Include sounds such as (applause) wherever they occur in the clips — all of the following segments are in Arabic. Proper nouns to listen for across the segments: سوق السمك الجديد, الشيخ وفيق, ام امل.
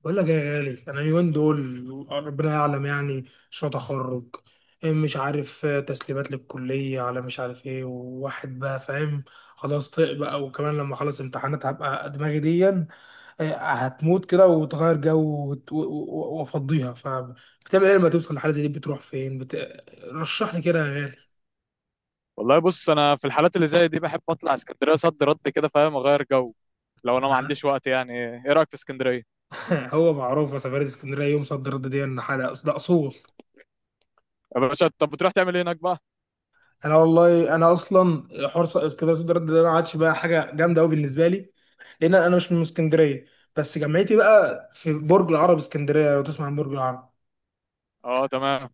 بقول لك يا غالي، انا اليومين دول ربنا يعلم يعني. شو تخرج؟ إيه مش عارف. آه، تسليمات للكليه، على مش عارف ايه، وواحد بقى فاهم خلاص طق بقى. وكمان لما اخلص امتحانات هبقى دماغي دي هتموت كده وتغير جو وت- و- و- وافضيها. فبتعمل ايه لما توصل لحاله زي دي؟ بتروح فين؟ رشح لي كده يا غالي. والله بص، انا في الحالات اللي زي دي بحب اطلع اسكندريه صد رد كده فاهم، اغير جو. لو انا ما انا. عنديش وقت يعني. ايه رايك في اسكندريه؟ (laughs) هو معروفه سفريه اسكندريه يوم صد رد دي ان حاجه؟ ده اصول. يا باشا، طب بتروح تعمل ايه هناك بقى؟ انا والله، انا اصلا حوار اسكندريه صد رد ده ما عادش بقى حاجه جامده قوي بالنسبه لي، لان انا مش من اسكندريه. بس جامعتي بقى في برج العرب، اسكندريه، لو تسمع عن برج العرب. اه تمام،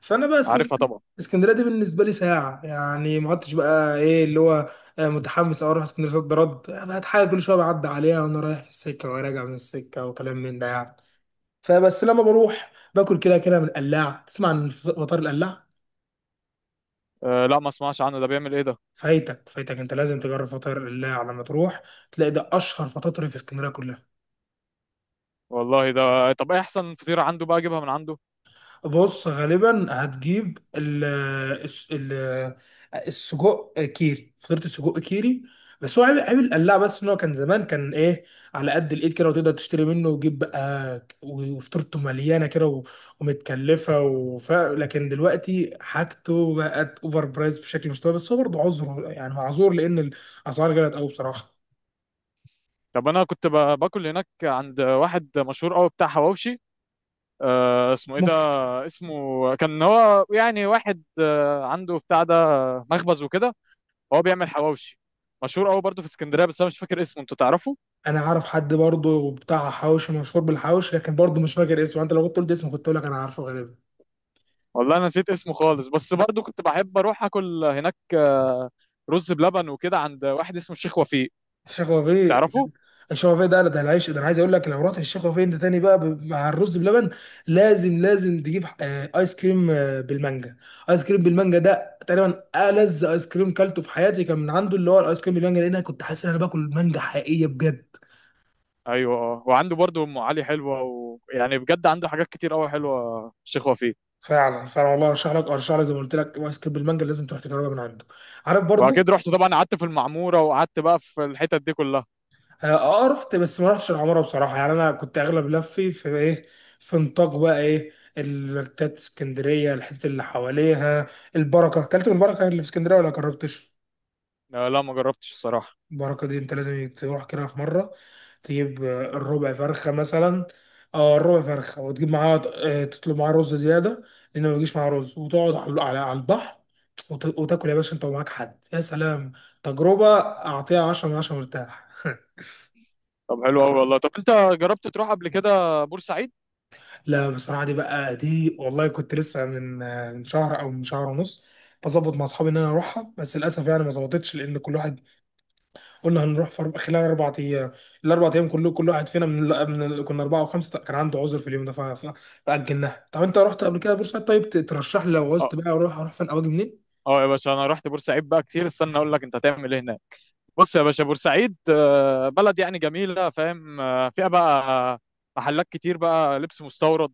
فانا بقى عارفها اسكندريه، طبعا. اسكندريه دي بالنسبه لي ساعه يعني، ما عدتش بقى ايه اللي هو متحمس او اروح اسكندريه صد رد. بقت حاجه كل شويه بعدي عليها وانا رايح في السكه وراجع من السكه وكلام من ده يعني. فبس لما بروح باكل كده كده من القلاع. تسمع عن فطار القلاع؟ آه لا، ما اسمعش عنه، ده بيعمل ايه ده؟ فايتك، فايتك، انت لازم تجرب فطاير الله على ما تروح. تلاقي ده اشهر فطاطري في اسكندريه كلها. والله ده، طب ايه احسن فطيره عنده بقى اجيبها من عنده؟ بص، غالبا هتجيب الس- ال- السجق كيري، فطيره السجق كيري. بس هو عيب القلاع بس، ان هو كان زمان كان ايه، على قد الايد كده، وتقدر تشتري منه وتجيب بقى وفطيرته مليانه كده ومتكلفه لكن دلوقتي حاجته بقت اوفر برايس بشكل مش طبيعي. بس هو برضه عذره يعني، معذور، لان الاسعار غلت قوي بصراحه. طب انا كنت باكل هناك عند واحد مشهور قوي بتاع حواوشي. آه اسمه ايه ده؟ اسمه كان، هو يعني واحد آه عنده بتاع ده، مخبز وكده. هو بيعمل حواوشي، مشهور قوي برضه في اسكندريه، بس انا مش فاكر اسمه، انت تعرفه؟ انا عارف حد برضه بتاع حواوشي مشهور بالحواوشي، لكن برضه مش فاكر اسمه. انت لو كنت قلت اسمه كنت اقول لك انا عارفه غالبا. والله انا نسيت اسمه خالص، بس برضه كنت بحب اروح اكل هناك رز بلبن وكده، عند واحد اسمه الشيخ وفيق، الشيخ وفيه؟ تعرفه؟ الشيخ وفيه ده، ده العيش ده انا عايز اقول لك، لو رحت الشيخ وفيه انت تاني بقى مع الرز بلبن لازم تجيب ايس كريم بالمانجا. ايس كريم بالمانجا ده تقريبا ألذ ايس كريم كلته في حياتي، كان من عنده، اللي هو الايس كريم بالمانجا، لان انا كنت حاسس ان انا باكل مانجا حقيقيه بجد. ايوه آه. وعنده برضه ام علي حلوه، ويعني بجد عنده حاجات كتير قوي حلوه الشيخ وفيق. فعلا والله، ارشح لك، ارشح لك، زي ما قلت لك ايس كريم بالمانجا، لازم تروح تجربها من عنده. عارف برضه. واكيد رحت طبعا، قعدت في المعموره، وقعدت بقى في الحتت دي كلها. اه، رحت بس ما رحتش العماره بصراحه يعني. انا كنت اغلب لفي في ايه، في نطاق بقى ايه، التات اسكندريه، الحته اللي حواليها. البركه، اكلت من البركه اللي في اسكندريه ولا جربتش؟ لا، ما جربتش الصراحه. البركه دي انت لازم تروح كده في مره، تجيب الربع فرخه مثلا. اه الربع فرخه، وتجيب معاها تطلب معاها رز زياده، لان ما بيجيش معاها رز. وتقعد على على البحر وتاكل يا باشا انت ومعاك حد، يا سلام. تجربه، اعطيها 10 من 10، مرتاح. (laughs) طب حلو قوي والله. طب انت جربت تروح قبل كده بورسعيد؟ لا بصراحة، دي بقى دي والله كنت لسه من من شهر أو من شهر ونص بظبط مع أصحابي إن أنا أروحها، بس للأسف يعني ما ظبطتش. لأن كل واحد، قلنا هنروح في خلال 4 أيام، ال4 أيام كله كل واحد فينا كنا 4 و5، كان عنده عذر في اليوم ده، فأجلناها. طب أنت رحت قبل كده بورسعيد؟ طيب ترشح لي لو عوزت اه. بقى أروح، أروح فين أو أجي منين؟ اه يا باشا، انا رحت بورسعيد بقى كتير، استنى اقول لك انت هتعمل ايه هناك. بص يا باشا، بورسعيد بلد يعني جميله، فاهم؟ فيها بقى محلات كتير بقى لبس مستورد،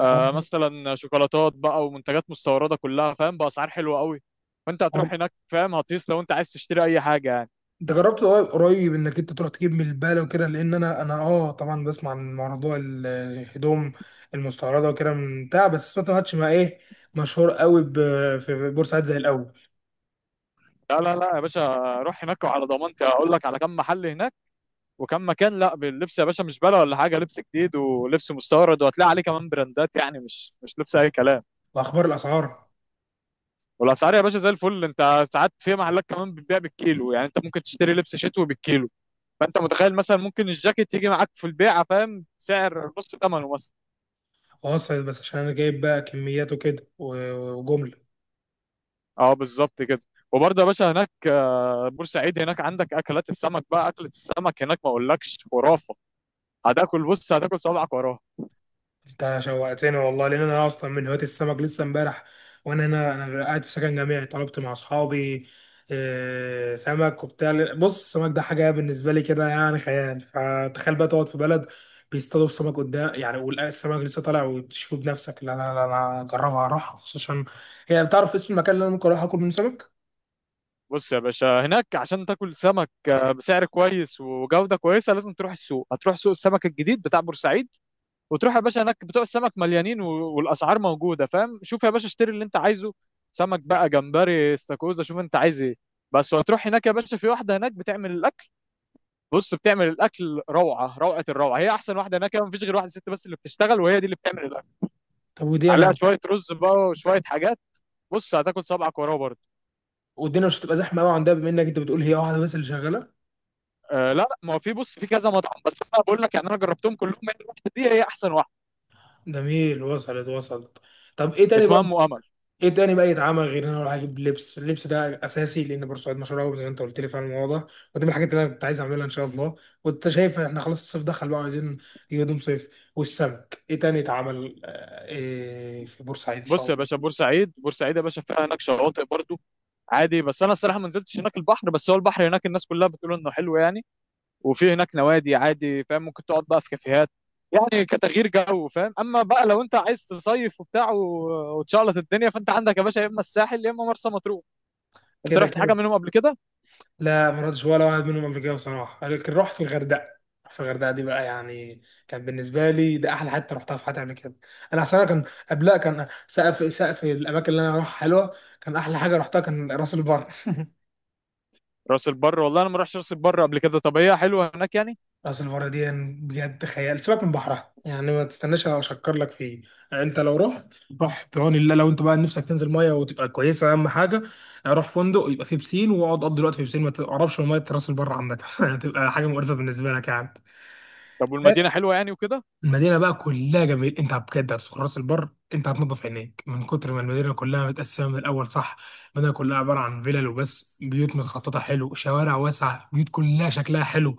مثلا شوكولاتات بقى ومنتجات مستورده كلها، فاهم، باسعار حلوه قوي. فانت حوار. هتروح هناك فاهم، هتقيس لو انت عايز تشتري اي حاجه يعني. انت جربت قريب انك انت تروح تجيب من البالة وكده؟ لان انا، انا اه طبعا بسمع عن موضوع الهدوم المستوردة وكده من بتاع، بس سمعت ما عادش مع ايه، مشهور قوي في بورسعيد زي الاول. لا لا لا يا باشا، روح هناك وعلى ضمانتي هقول لك على كم محل هناك. وكان مكان، لا باللبس يا باشا، مش بلا ولا حاجه، لبس جديد ولبس مستورد، وهتلاقي عليه كمان براندات، يعني مش لبس اي كلام. واخبار الاسعار؟ والاسعار يا باشا زي الفل. انت ساعات في محلات كمان بتبيع بالكيلو، يعني انت ممكن تشتري لبس شتوي بالكيلو. فانت متخيل، مثلا ممكن الجاكيت يجي معاك في البيعه، فاهم، سعر نص ثمنه مثلا. واصل، بس عشان انا جايب بقى كميات وكده وجملة. اه بالظبط كده. وبرضه يا باشا هناك بورسعيد، هناك عندك اكلات السمك بقى، اكله السمك هناك ما اقولكش، خرافه. هتاكل، بص هتاكل صوابعك وراها. انت شوقتني والله، لان انا اصلا من هواة السمك. لسه امبارح وانا هنا، انا قاعد في سكن جامعي، طلبت مع اصحابي سمك وبتاع. بص السمك ده حاجه بالنسبه لي كده يعني خيال. فتخيل بقى تقعد في بلد بيصطادوا السمك قدام يعني، والسمك لسه طالع وبتشوفه بنفسك. لا، انا اجربها اروح خصوصا. هي بتعرف اسم المكان اللي انا ممكن اروح اكل منه سمك؟ بص يا باشا، هناك عشان تاكل سمك بسعر كويس وجودة كويسة، لازم تروح السوق، هتروح سوق السمك الجديد بتاع بورسعيد. وتروح يا باشا هناك بتوع السمك مليانين، والاسعار موجوده فاهم. شوف يا باشا، اشتري اللي انت عايزه، سمك بقى، جمبري، استاكوزا، شوف انت عايز ايه بس. وهتروح هناك يا باشا، في واحده هناك بتعمل الاكل. بص بتعمل الاكل روعه روعه الروعه، هي احسن واحده هناك. مفيش غير واحده ست بس اللي بتشتغل، وهي دي اللي بتعمل الاكل، طب ودي عليها انا. شويه رز بقى وشويه حاجات. بص هتاكل صبعك وراه برضه. والدنيا مش هتبقى زحمه قوي عندها، بما انك انت بتقول هي واحده بس اللي شغاله؟ آه لا لا، ما هو في، بص في كذا مطعم، بس انا بقول لك يعني انا جربتهم كلهم، هي الواحده دي هي احسن واحده. جميل، وصلت. طب ايه تاني اسمها بقى؟ ام امل. ايه تاني بقى يتعمل غير ان انا اروح اجيب لبس؟ اللبس ده اساسي لان بورسعيد مشهور قوي زي ما انت قلت لي فعلا الموضوع ده. ودي من الحاجات اللي انا كنت عايز اعملها ان شاء الله. وانت شايف احنا خلاص الصيف دخل بقى، عايزين نجيب هدوم صيف. والسمك، ايه تاني يتعمل إيه في بورسعيد ان شاء بص يا باشا، الله؟ بورسعيد بورسعيد يا باشا فيها هناك شواطئ برضه عادي، بس انا الصراحه ما نزلتش هناك البحر، بس هو البحر هناك الناس كلها بتقول انه حلو يعني. وفي هناك نوادي عادي، فاهم، ممكن تقعد بقى في كافيهات، يعني كتغيير جو، فاهم. اما بقى لو انت عايز تصيف وبتاع وتشعلط الدنيا، فانت عندك يا باشا يا اما الساحل يا اما مرسى مطروح. انت كده رحت حاجه كده. منهم قبل كده؟ لا ما رحتش ولا واحد منهم قبل كده بصراحه، لكن رحت في الغردقه. رحت في الغردقه دي بقى يعني كان بالنسبه لي ده احلى حته رحتها في حياتي قبل كده. انا اصلا كان قبلها كان سقف الاماكن اللي انا اروحها حلوه، كان احلى حاجه رحتها كان راس البر. راس البر؟ والله انا ما رحتش راس البر قبل كده. طب هي حلوه هناك يعني؟ راس البر دي يعني بجد خيال. سيبك من بحرها يعني ما تستناش اشكر لك فيه، يعني انت لو رحت، روح بعون الله. لو انت بقى نفسك تنزل ميه وتبقى كويسه اهم حاجه، روح فندق يبقى فيه بسين، واقعد قضي الوقت في بسين، ما تقربش من ميه راس البر عامه. (laughs) هتبقى حاجه مقرفه بالنسبه لك يعني. طب والمدينه حلوه يعني وكده؟ المدينه بقى كلها جميل. انت بجد هتدخل راس البر، انت هتنضف عينيك من كتر ما المدينه كلها متقسمه من الاول، صح؟ المدينه كلها عباره عن فيلل وبس، بيوت متخططه حلو، شوارع واسعه، بيوت كلها شكلها حلو.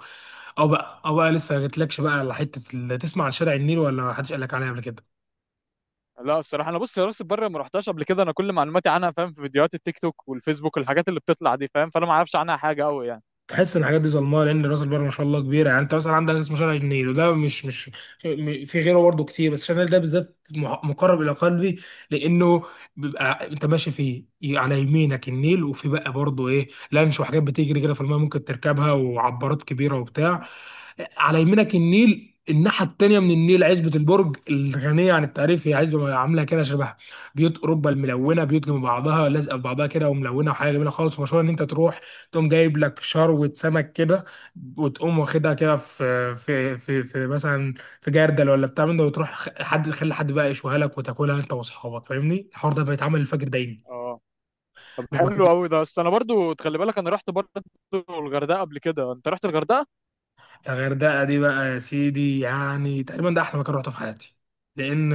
او بقى لسه ما جتلكش بقى على حته تسمع عن شارع النيل ولا ما حدش قال لك عليه قبل كده؟ لا الصراحه انا، بص، يا راس البر ما رحتهاش قبل كده، انا كل معلوماتي عنها فاهم في فيديوهات التيك توك والفيسبوك والحاجات اللي بتطلع دي، فاهم، فانا ما اعرفش عنها حاجه قوي يعني. تحس ان الحاجات دي ظلمها، لان راس البر ما شاء الله كبيره يعني. انت مثلا عندك اسمه شارع النيل، وده مش مش م- في غيره برضه كتير، بس شارع النيل ده بالذات مقرب الى قلبي، لانه بيبقى انت ماشي فيه على يمينك النيل، وفي بقى برضه ايه، لانش وحاجات بتجري كده في الماء ممكن تركبها، وعبارات كبيره وبتاع. على يمينك النيل، الناحيه التانيه من النيل عزبه البرج الغنيه عن التعريف، هي عزبه عامله كده شبه بيوت اوروبا الملونه، بيوت جنب بعضها لازقه في بعضها كده وملونه، وحاجه جميله خالص. ومشهور ان انت تروح تقوم جايب لك شروة سمك كده، وتقوم واخدها كده في مثلا في جردل ولا بتاع من ده، وتروح حد خلي حد بقى يشويها لك وتاكلها انت واصحابك. فاهمني الحوار ده بيتعمل الفجر دايما. اه. طب ده المكان. حلو قوي ده، بس انا برضو تخلي بالك، انا رحت برضو الغردقه قبل كده. انت رحت الغردقه؟ الغردقه دي بقى يا سيدي يعني تقريبا ده احلى مكان رحته في حياتي، لان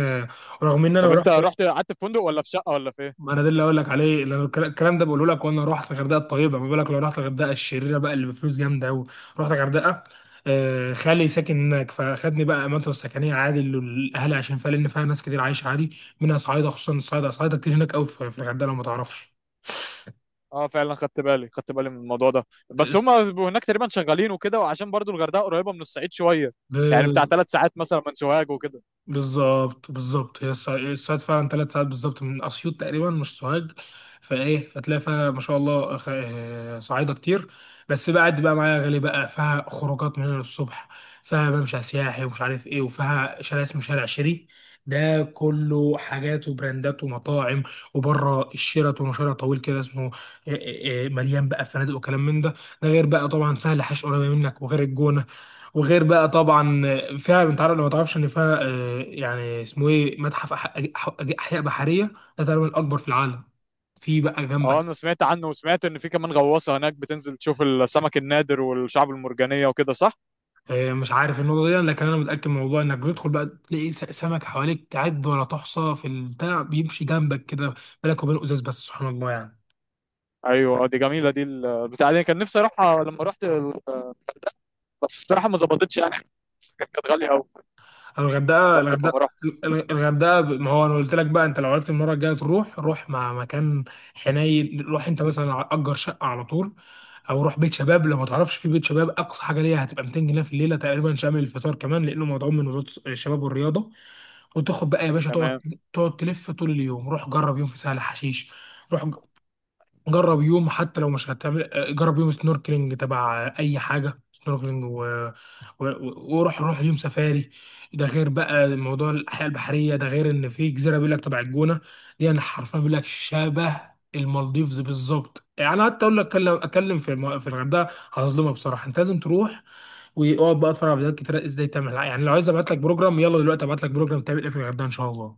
رغم ان طب انا انت رحت، رحت قعدت في فندق، ولا في شقه، ولا في ايه؟ ما انا ده اللي اقول لك عليه، اللي الكلام ده بقوله لك. وانا رحت الغردقه الطيبه، ما بالك لو رحت الغردقه الشريره بقى، اللي بفلوس جامده قوي. رحت الغردقه، خالي ساكن هناك فاخدني بقى اماكن السكنيه عادي اللي الاهالي عشان فيها، لان فيها ناس كتير عايشه عادي، منها صعايده. خصوصا الصعايده، صعايده كتير هناك قوي في في الغردقه لو ما تعرفش. اه فعلا خدت بالي، خدت بالي من الموضوع ده، بس هما بيبقوا هناك تقريبا شغالين وكده، وعشان برضو الغردقه قريبه من الصعيد شويه، يعني بتاع آه، 3 ساعات مثلا من سوهاج وكده. بالظبط، بالظبط، هي الصيد فعلا 3 ساعات بالظبط من اسيوط تقريبا، مش سوهاج. فايه فتلاقي فيها ما شاء الله صعايده كتير. بس بقى قد بقى معايا غالي بقى، فيها خروجات من هنا للصبح، فيها ممشى سياحي ومش عارف ايه، وفيها شارع اسمه شارع شيري، ده كله حاجات وبراندات ومطاعم، وبره الشيراتون وشارع طويل كده اسمه مليان بقى فنادق وكلام من ده. ده غير بقى طبعا سهل حش قريبه منك، وغير الجونه، وغير بقى طبعا فيها، انت عارف لو ما تعرفش ان فيها يعني اسمه ايه، متحف احياء بحريه، ده تقريبا الاكبر في العالم، في بقى جنبك. اه انا سمعت عنه، وسمعت ان في كمان غواصه هناك بتنزل تشوف السمك النادر والشعب المرجانيه وكده، صح؟ مش عارف النقطه دي، لكن انا متاكد من الموضوع، انك بتدخل بقى تلاقي سمك حواليك تعد ولا تحصى، في البتاع بيمشي جنبك كده بالك وبين ازاز، بس سبحان الله يعني. ايوه آه، دي جميله، دي بتاع دي كان نفسي اروحها لما رحت بس الصراحه ما ظبطتش يعني. (laughs) كانت غاليه قوي. الغردقه بس الغردقه فما رحتش. الغردقه. ما هو انا قلت لك بقى، انت لو عرفت المره الجايه تروح، روح مع مكان حنين. روح انت مثلا اجر شقه على طول، او روح بيت شباب لو ما تعرفش. في بيت شباب اقصى حاجه ليها هتبقى 200 جنيه في الليله تقريبا، شامل الفطار كمان، لانه مدعوم من وزاره الشباب والرياضه. وتاخد بقى يا باشا تقعد، تمام. تلف طول اليوم. روح جرب يوم في سهل حشيش، روح جرب يوم حتى لو مش هتعمل جرب يوم سنوركلينج تبع اي حاجه سنوركلينج وروح يوم سفاري. ده غير بقى موضوع الحياه البحريه، ده غير ان في جزيره بيقول لك تبع الجونه دي، انا حرفيا بيقول لك شبه المالديفز بالظبط يعني. حتى اقول لك اتكلم، اتكلم في في الغردقه هظلمها بصراحه. انت لازم تروح واقعد بقى اتفرج على فيديوهات كتير ازاي تعمل يعني. لو عايز ابعت لك بروجرام، يلا دلوقتي ابعت لك بروجرام تعمل ايه في الغردقه ان شاء الله.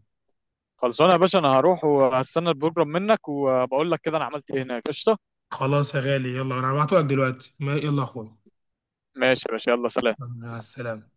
خلصانه يا باشا، انا هروح وهستنى البروجرام منك، وبقول لك كده انا عملت ايه هناك. قشطه. خلاص يا غالي، يلا انا هبعته لك دلوقتي. يلا يا اخويا. ماشي يا باشا، يلا سلام. مع السلامه.